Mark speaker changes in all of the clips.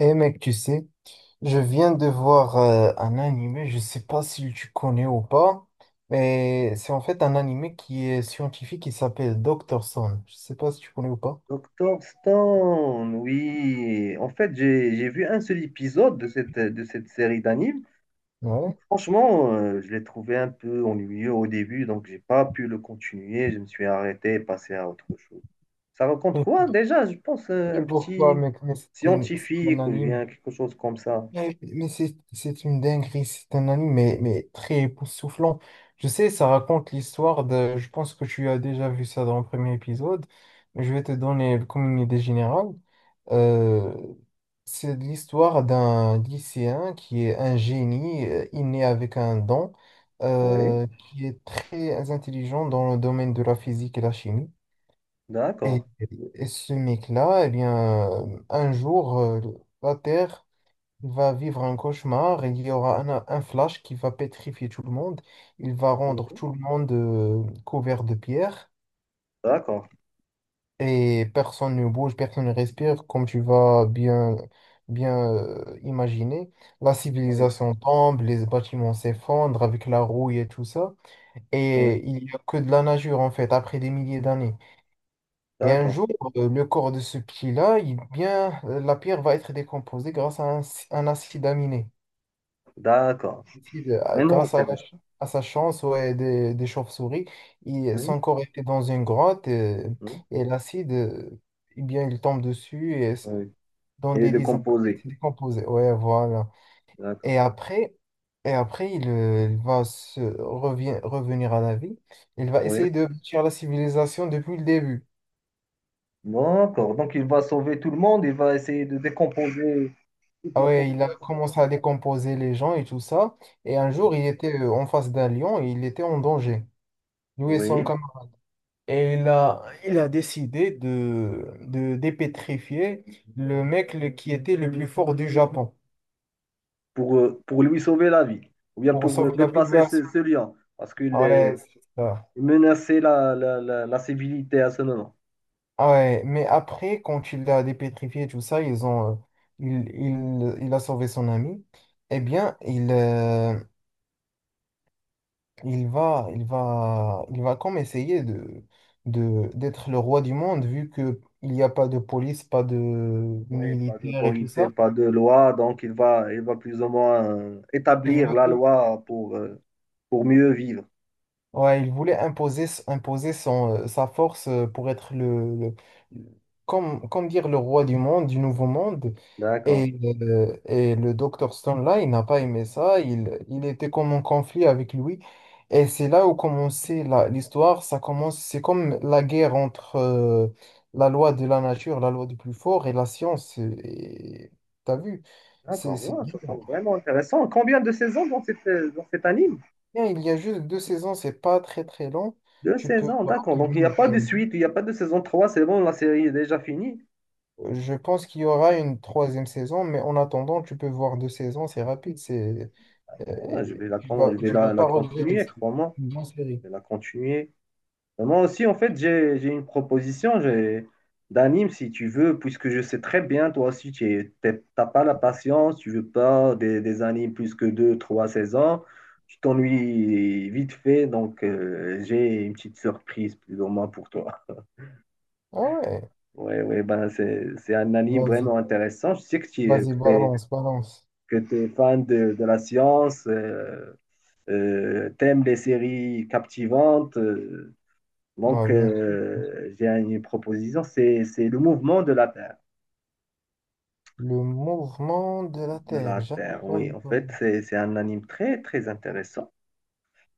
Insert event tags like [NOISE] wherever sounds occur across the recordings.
Speaker 1: Eh mec, tu sais, je viens de voir un animé, je sais pas si tu connais ou pas, mais c'est en fait un animé qui est scientifique qui s'appelle Doctor Stone. Je sais pas si tu connais ou pas.
Speaker 2: Doctor Stone, oui. En fait, j'ai vu un seul épisode de cette série d'anime.
Speaker 1: Ouais.
Speaker 2: Franchement, je l'ai trouvé un peu ennuyeux au début, donc j'ai pas pu le continuer. Je me suis arrêté et passé à autre chose. Ça raconte
Speaker 1: [LAUGHS]
Speaker 2: quoi déjà? Je pense
Speaker 1: Je
Speaker 2: un
Speaker 1: sais pourquoi,
Speaker 2: petit
Speaker 1: mec, mais c'est un
Speaker 2: scientifique ou
Speaker 1: anime.
Speaker 2: bien quelque chose comme ça.
Speaker 1: Mais c'est une dinguerie, c'est un anime mais très époustouflant. Je sais, ça raconte l'histoire de... Je pense que tu as déjà vu ça dans le premier épisode, mais je vais te donner le communiqué général. Euh, c'est l'histoire d'un lycéen qui est un génie inné avec un don,
Speaker 2: Oui,
Speaker 1: qui est très intelligent dans le domaine de la physique et la chimie.
Speaker 2: d'accord.
Speaker 1: Et, et ce mec-là, eh bien, un jour, la Terre... Il va vivre un cauchemar, il y aura un flash qui va pétrifier tout le monde, il va rendre
Speaker 2: Oui,
Speaker 1: tout le monde couvert de pierre
Speaker 2: d'accord.
Speaker 1: et personne ne bouge, personne ne respire, comme tu vas bien imaginer. La
Speaker 2: Oui,
Speaker 1: civilisation tombe, les bâtiments s'effondrent avec la rouille et tout ça,
Speaker 2: oui,
Speaker 1: et il n'y a que de la nageure en fait, après des milliers d'années. Et un
Speaker 2: d'accord.
Speaker 1: jour, le corps de ce petit-là, il, bien, la pierre va être décomposée grâce à un acide aminé.
Speaker 2: D'accord.
Speaker 1: Il,
Speaker 2: Vraiment
Speaker 1: grâce à,
Speaker 2: intéressant.
Speaker 1: à sa chance ouais, des chauves-souris, il-
Speaker 2: Oui,
Speaker 1: son corps était dans une grotte
Speaker 2: oui,
Speaker 1: et, l'acide, eh bien, il tombe dessus
Speaker 2: oui.
Speaker 1: dans
Speaker 2: Et
Speaker 1: des
Speaker 2: le
Speaker 1: dizaines d'années, il
Speaker 2: composé.
Speaker 1: s'est décomposé. Ouais, voilà. Et
Speaker 2: D'accord.
Speaker 1: après, et après il, revenir à la vie. Il va
Speaker 2: Oui.
Speaker 1: essayer de bâtir la civilisation depuis le début.
Speaker 2: D'accord. Donc, il va sauver tout le monde, il va essayer de décomposer toute
Speaker 1: Ah
Speaker 2: la
Speaker 1: ouais, il a
Speaker 2: population.
Speaker 1: commencé à décomposer les gens et tout ça. Et un jour, il était en face d'un lion et il était en danger. Lui et son...
Speaker 2: Oui,
Speaker 1: Et il a décidé de dépétrifier le mec qui était le plus fort du Japon
Speaker 2: pour lui sauver la vie, ou bien
Speaker 1: pour
Speaker 2: pour
Speaker 1: sauver la vie du
Speaker 2: dépasser
Speaker 1: gars.
Speaker 2: ce, ce lion, parce qu'il
Speaker 1: Ah
Speaker 2: est
Speaker 1: ouais, c'est ça.
Speaker 2: il menaçait la, la, la, la civilité à ce moment.
Speaker 1: Ah ouais, mais après, quand il l'a dépétrifié, tout ça, ils ont, il a sauvé son ami. Eh bien, il, il va comme essayer d'être le roi du monde, vu que il n'y a pas de police, pas de
Speaker 2: Oui, pas
Speaker 1: militaire et tout
Speaker 2: d'autorité,
Speaker 1: ça.
Speaker 2: pas de loi, donc il va plus ou moins
Speaker 1: Il
Speaker 2: établir
Speaker 1: veut,
Speaker 2: la loi pour mieux vivre.
Speaker 1: ouais, il voulait imposer, imposer son, sa force pour être comme, comme dire le roi du monde, du nouveau monde.
Speaker 2: D'accord.
Speaker 1: Et le docteur Stone, là, il n'a pas aimé ça. Il était comme en conflit avec lui. Et c'est là où commençait l'histoire. Ça commence, c'est comme la guerre entre la loi de la nature, la loi du plus fort et la science. Et, t'as vu? C'est
Speaker 2: D'accord,
Speaker 1: c'est
Speaker 2: ouais,
Speaker 1: bien.
Speaker 2: ça semble vraiment intéressant. Combien de saisons dans cette, dans cet anime?
Speaker 1: Bien, il y a juste deux saisons, c'est pas très très long.
Speaker 2: Deux
Speaker 1: Tu peux
Speaker 2: saisons, d'accord. Donc, il n'y a
Speaker 1: rapidement.
Speaker 2: pas de suite, il n'y a pas de saison 3. C'est bon, la série est déjà finie.
Speaker 1: Je pense qu'il y aura une troisième saison, mais en attendant, tu peux voir deux saisons, c'est rapide, c'est euh,
Speaker 2: Ouais, je vais la,
Speaker 1: tu vas
Speaker 2: je vais
Speaker 1: tu
Speaker 2: la,
Speaker 1: vas
Speaker 2: la
Speaker 1: pas regretter.
Speaker 2: continuer,
Speaker 1: C'est
Speaker 2: crois-moi.
Speaker 1: une bonne série.
Speaker 2: Je vais la continuer. Mais moi aussi, en fait, j'ai une proposition j'ai, d'anime, si tu veux, puisque je sais très bien, toi aussi, tu n'as pas la patience, tu veux pas des, des animes plus que deux, trois saisons. Tu t'ennuies vite fait, donc j'ai une petite surprise, plus ou moins, pour toi.
Speaker 1: Ah ouais,
Speaker 2: Ouais, ouais, ben, c'est un anime
Speaker 1: vas-y,
Speaker 2: vraiment intéressant. Je sais que tu
Speaker 1: vas-y,
Speaker 2: es
Speaker 1: balance, balance.
Speaker 2: Que tu es fan de la science, t'aimes les séries captivantes.
Speaker 1: Ah,
Speaker 2: Donc,
Speaker 1: bien sûr.
Speaker 2: j'ai une proposition, c'est le mouvement de la Terre.
Speaker 1: Le mouvement de la
Speaker 2: De
Speaker 1: Terre,
Speaker 2: la
Speaker 1: jamais
Speaker 2: Terre, oui.
Speaker 1: entendu
Speaker 2: En
Speaker 1: parler.
Speaker 2: fait, c'est un anime très, très intéressant.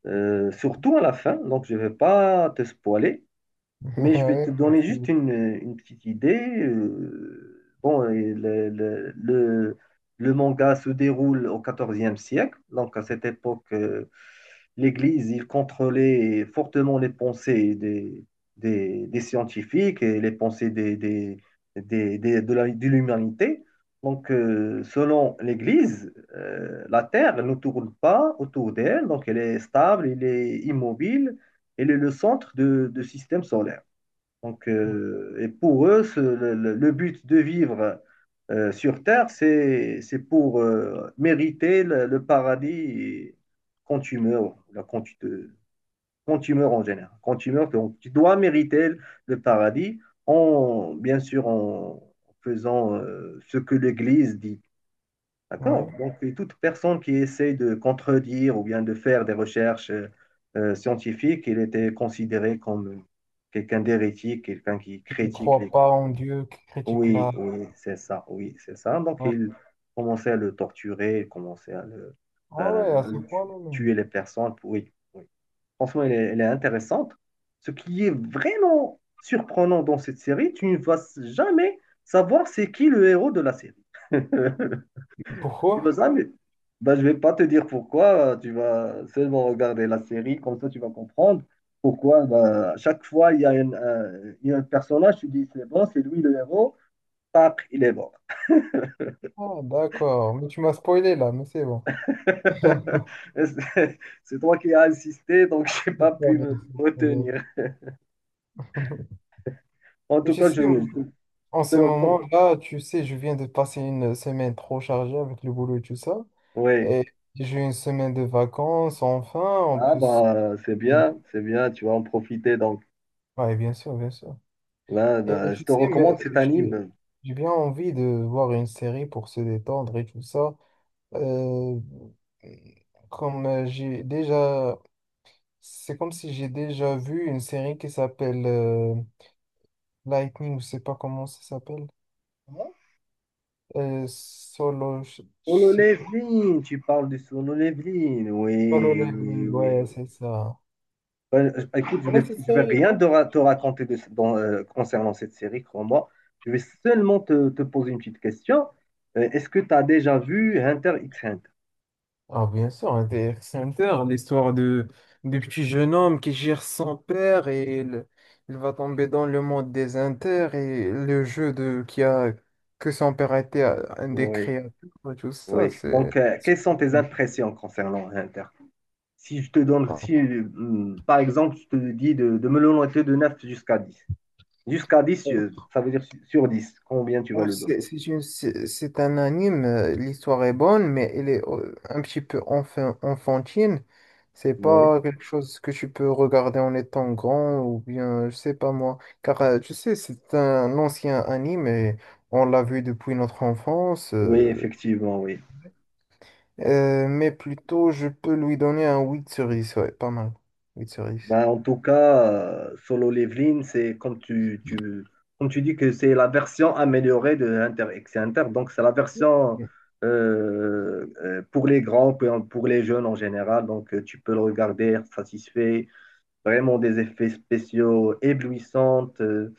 Speaker 2: Surtout à la fin, donc je ne vais pas te spoiler,
Speaker 1: [LAUGHS]
Speaker 2: mais je
Speaker 1: Ah
Speaker 2: vais
Speaker 1: ouais,
Speaker 2: te donner
Speaker 1: merci
Speaker 2: juste
Speaker 1: beaucoup.
Speaker 2: une petite idée. Bon, et le, le manga se déroule au 14 siècle, donc à cette époque, l'Église, il contrôlait fortement les pensées des scientifiques et les pensées des- de la- de l'humanité. Donc, selon l'Église, la Terre ne tourne pas autour d'elle, donc elle est stable, elle est immobile, elle est le centre de- du système solaire. Donc, et pour eux, ce- le but de vivre sur Terre, c'est pour mériter le paradis quand tu meurs, là, quand tu te- quand tu meurs en général. Quand tu meurs, donc, tu dois mériter le paradis en, bien sûr, en faisant ce que l'Église dit. D'accord.
Speaker 1: Ouais.
Speaker 2: Donc, et toute personne qui essaie de contredire ou bien de faire des recherches scientifiques, il était considéré comme quelqu'un d'hérétique, quelqu'un qui
Speaker 1: Je ne
Speaker 2: critique
Speaker 1: crois
Speaker 2: les...
Speaker 1: pas en Dieu qui critique
Speaker 2: Oui,
Speaker 1: là.
Speaker 2: oui, c'est ça, oui, c'est ça. Donc,
Speaker 1: Ouais.
Speaker 2: il commençait à le torturer, il commençait à
Speaker 1: Ah ouais, à ce
Speaker 2: le tuer,
Speaker 1: point-là. Non.
Speaker 2: tuer les personnes. Pour- oui, oui. Franchement, elle est intéressante. Ce qui est vraiment surprenant dans cette série, tu ne vas jamais savoir c'est qui le héros de la série. [LAUGHS] Tu
Speaker 1: Pourquoi?
Speaker 2: vas jamais. Ben, je vais pas te dire pourquoi, tu vas seulement regarder la série, comme ça tu vas comprendre pourquoi ben, à chaque fois il y a, une, un, il y a un personnage, tu dis c'est bon, c'est lui le héros, tac, il est mort.
Speaker 1: Ah d'accord, mais tu m'as spoilé là, mais c'est bon.
Speaker 2: [LAUGHS]
Speaker 1: [LAUGHS]
Speaker 2: Et c'est toi qui as insisté, donc [LAUGHS] j'ai
Speaker 1: C'est
Speaker 2: pas
Speaker 1: pas
Speaker 2: pu
Speaker 1: grave,
Speaker 2: me
Speaker 1: c'est pas grave.
Speaker 2: retenir. En
Speaker 1: [LAUGHS]
Speaker 2: tout
Speaker 1: Je
Speaker 2: cas,
Speaker 1: sais,
Speaker 2: je, je
Speaker 1: en
Speaker 2: te
Speaker 1: ce
Speaker 2: le recommande.
Speaker 1: moment-là, tu sais, je viens de passer une semaine trop chargée avec le boulot et tout ça.
Speaker 2: Oui,
Speaker 1: Et j'ai une semaine de vacances, enfin, on
Speaker 2: ah
Speaker 1: peut... se-
Speaker 2: ben, c'est bien, tu vas en profiter. Donc
Speaker 1: ouais, bien sûr, bien sûr.
Speaker 2: là,
Speaker 1: Et
Speaker 2: là, je
Speaker 1: tu
Speaker 2: te
Speaker 1: sais, mais
Speaker 2: recommande cet
Speaker 1: j'ai
Speaker 2: anime.
Speaker 1: j'ai bien envie de voir une série pour se détendre et tout ça. Euh, comme j'ai déjà... C'est comme si j'ai déjà vu une série qui s'appelle Lightning, je sais pas comment ça s'appelle. Solo, je
Speaker 2: Solo
Speaker 1: sais pas.
Speaker 2: Leveling, tu parles de Solo Leveling.
Speaker 1: Solo
Speaker 2: Oui, oui,
Speaker 1: Leveling,
Speaker 2: oui, oui.
Speaker 1: ouais, c'est ça.
Speaker 2: Ben, je- écoute,
Speaker 1: On cette
Speaker 2: je vais
Speaker 1: série,
Speaker 2: rien
Speaker 1: pas?
Speaker 2: te, te raconter de ce- dans, concernant cette série, crois-moi. Je vais seulement te, te poser une petite question. Est-ce que tu as déjà vu Hunter x Hunter?
Speaker 1: Ah, bien sûr, Hunter x Hunter, l'histoire de, du petit jeune homme qui gère son père et il va tomber dans le monde des Inter et le jeu de qui a que son père était un des
Speaker 2: Oui,
Speaker 1: créateurs et tout ça,
Speaker 2: oui. Donc,
Speaker 1: c'est.
Speaker 2: quelles sont tes impressions concernant Hunter? Si je te donne, si, par exemple, je te dis de me le noter de 9 jusqu'à 10, jusqu'à 10, ça veut dire sur 10. Combien tu vas
Speaker 1: Alors,
Speaker 2: le donner?
Speaker 1: c'est un anime, l'histoire est bonne, mais elle est un petit peu enfin, enfantine. C'est
Speaker 2: Oui,
Speaker 1: pas quelque chose que tu peux regarder en étant grand ou bien, je sais pas moi. Car, tu sais, c'est un ancien anime et on l'a vu depuis notre enfance.
Speaker 2: oui,
Speaker 1: Euh,
Speaker 2: effectivement, oui.
Speaker 1: mais plutôt, je peux lui donner un 8 sur 10, ouais, pas mal. 8 sur 10.
Speaker 2: Ben, en tout cas, Solo Leveling, c'est comme tu, comme tu dis que c'est la version améliorée de Inter X Inter. Donc, c'est la version
Speaker 1: Bien.
Speaker 2: pour les grands, pour les jeunes en général. Donc, tu peux le regarder, être satisfait. Vraiment des effets spéciaux éblouissants.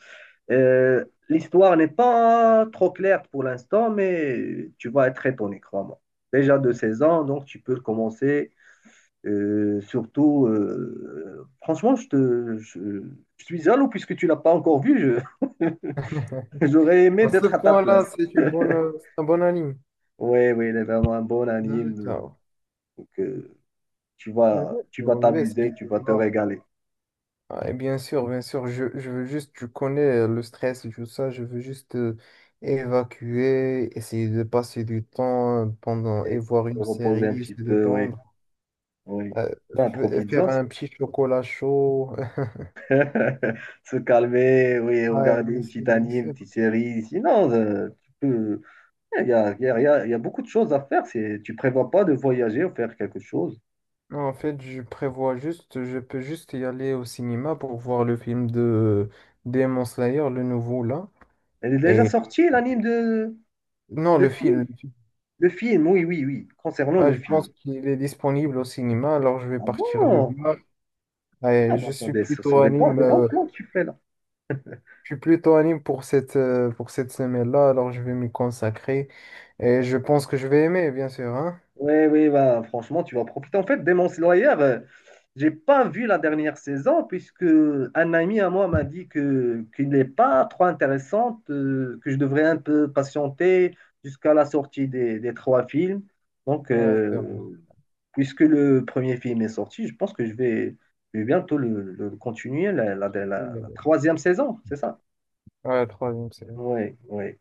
Speaker 2: L'histoire n'est pas trop claire pour l'instant, mais tu vas être étonné, crois-moi. Déjà de 16 ans, donc tu peux commencer surtout, franchement, je, te, je suis jaloux puisque tu l'as pas encore vu. Je- [LAUGHS]
Speaker 1: [LAUGHS]
Speaker 2: j'aurais aimé
Speaker 1: À ce
Speaker 2: d'être à ta
Speaker 1: point-là,
Speaker 2: place.
Speaker 1: c'est une bonne, c'est un bon anime.
Speaker 2: Oui, oui, il est vraiment un bon anime.
Speaker 1: D'accord.
Speaker 2: Donc,
Speaker 1: Je vais
Speaker 2: tu
Speaker 1: je
Speaker 2: vas
Speaker 1: vais essayer
Speaker 2: t'amuser, tu
Speaker 1: de
Speaker 2: vas te
Speaker 1: voir.
Speaker 2: régaler
Speaker 1: Ouais, bien sûr, je veux juste, tu connais le stress et tout ça, je veux juste évacuer, essayer de passer du temps pendant et
Speaker 2: et
Speaker 1: voir
Speaker 2: te
Speaker 1: une
Speaker 2: reposer un
Speaker 1: série, se
Speaker 2: petit peu. Oui,
Speaker 1: détendre,
Speaker 2: oui.
Speaker 1: euh,
Speaker 2: Ben, profites-en,
Speaker 1: faire un
Speaker 2: tu-
Speaker 1: petit chocolat chaud. [LAUGHS]
Speaker 2: [LAUGHS] se calmer, oui,
Speaker 1: Ouais,
Speaker 2: regarder
Speaker 1: bien
Speaker 2: une
Speaker 1: sûr,
Speaker 2: petite
Speaker 1: bien
Speaker 2: anime, une
Speaker 1: sûr.
Speaker 2: petite série. Sinon, tu peux. Il y a, il y a- il y a- il y a beaucoup de choses à faire. C'est, tu prévois pas de voyager ou faire quelque chose.
Speaker 1: Non, en fait, je prévois juste, je peux juste y aller au cinéma pour voir le film de Demon Slayer, le nouveau là.
Speaker 2: Elle est déjà
Speaker 1: Et
Speaker 2: sortie, l'anime de.
Speaker 1: non,
Speaker 2: Le
Speaker 1: le film.
Speaker 2: film?
Speaker 1: Le film.
Speaker 2: Le film, oui, oui, oui. Concernant
Speaker 1: Ah,
Speaker 2: le
Speaker 1: je pense
Speaker 2: film.
Speaker 1: qu'il est disponible au cinéma, alors je vais
Speaker 2: Ah
Speaker 1: partir le
Speaker 2: bon?
Speaker 1: voir. Ouais,
Speaker 2: Ah bah,
Speaker 1: je suis
Speaker 2: ce sont
Speaker 1: plutôt anime,
Speaker 2: des bons plans que tu fais là.
Speaker 1: je suis plutôt anime pour cette semaine-là, alors je vais m'y consacrer et je pense que je vais aimer, bien sûr, hein?
Speaker 2: Oui, oui, bah, franchement, tu vas profiter. En fait, Demon Slayer, j'ai pas vu la dernière saison puisque un ami à moi m'a dit que qu'il n'est pas trop intéressante, que je devrais un peu patienter jusqu'à la sortie des trois films. Donc,
Speaker 1: Ouais, c'est bon.
Speaker 2: puisque le premier film est sorti, je pense que je vais bientôt le continuer, la- la-
Speaker 1: Oui, oui,
Speaker 2: la
Speaker 1: oui.
Speaker 2: troisième saison, c'est ça?
Speaker 1: Ouais, troisième série.
Speaker 2: Oui, oui.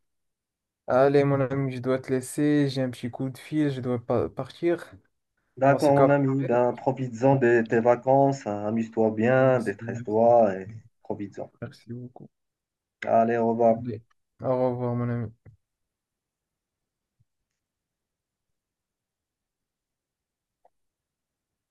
Speaker 1: Allez, mon ami, je dois te laisser, j'ai un petit coup de fil, je dois partir. On se
Speaker 2: D'accord, mon
Speaker 1: capte.
Speaker 2: ami, ben,
Speaker 1: Après.
Speaker 2: profites-en de tes vacances, hein, amuse-toi bien,
Speaker 1: Merci, merci,
Speaker 2: détresse-toi et profites-en.
Speaker 1: merci beaucoup.
Speaker 2: Allez, au revoir.
Speaker 1: Allez. Au revoir, mon ami.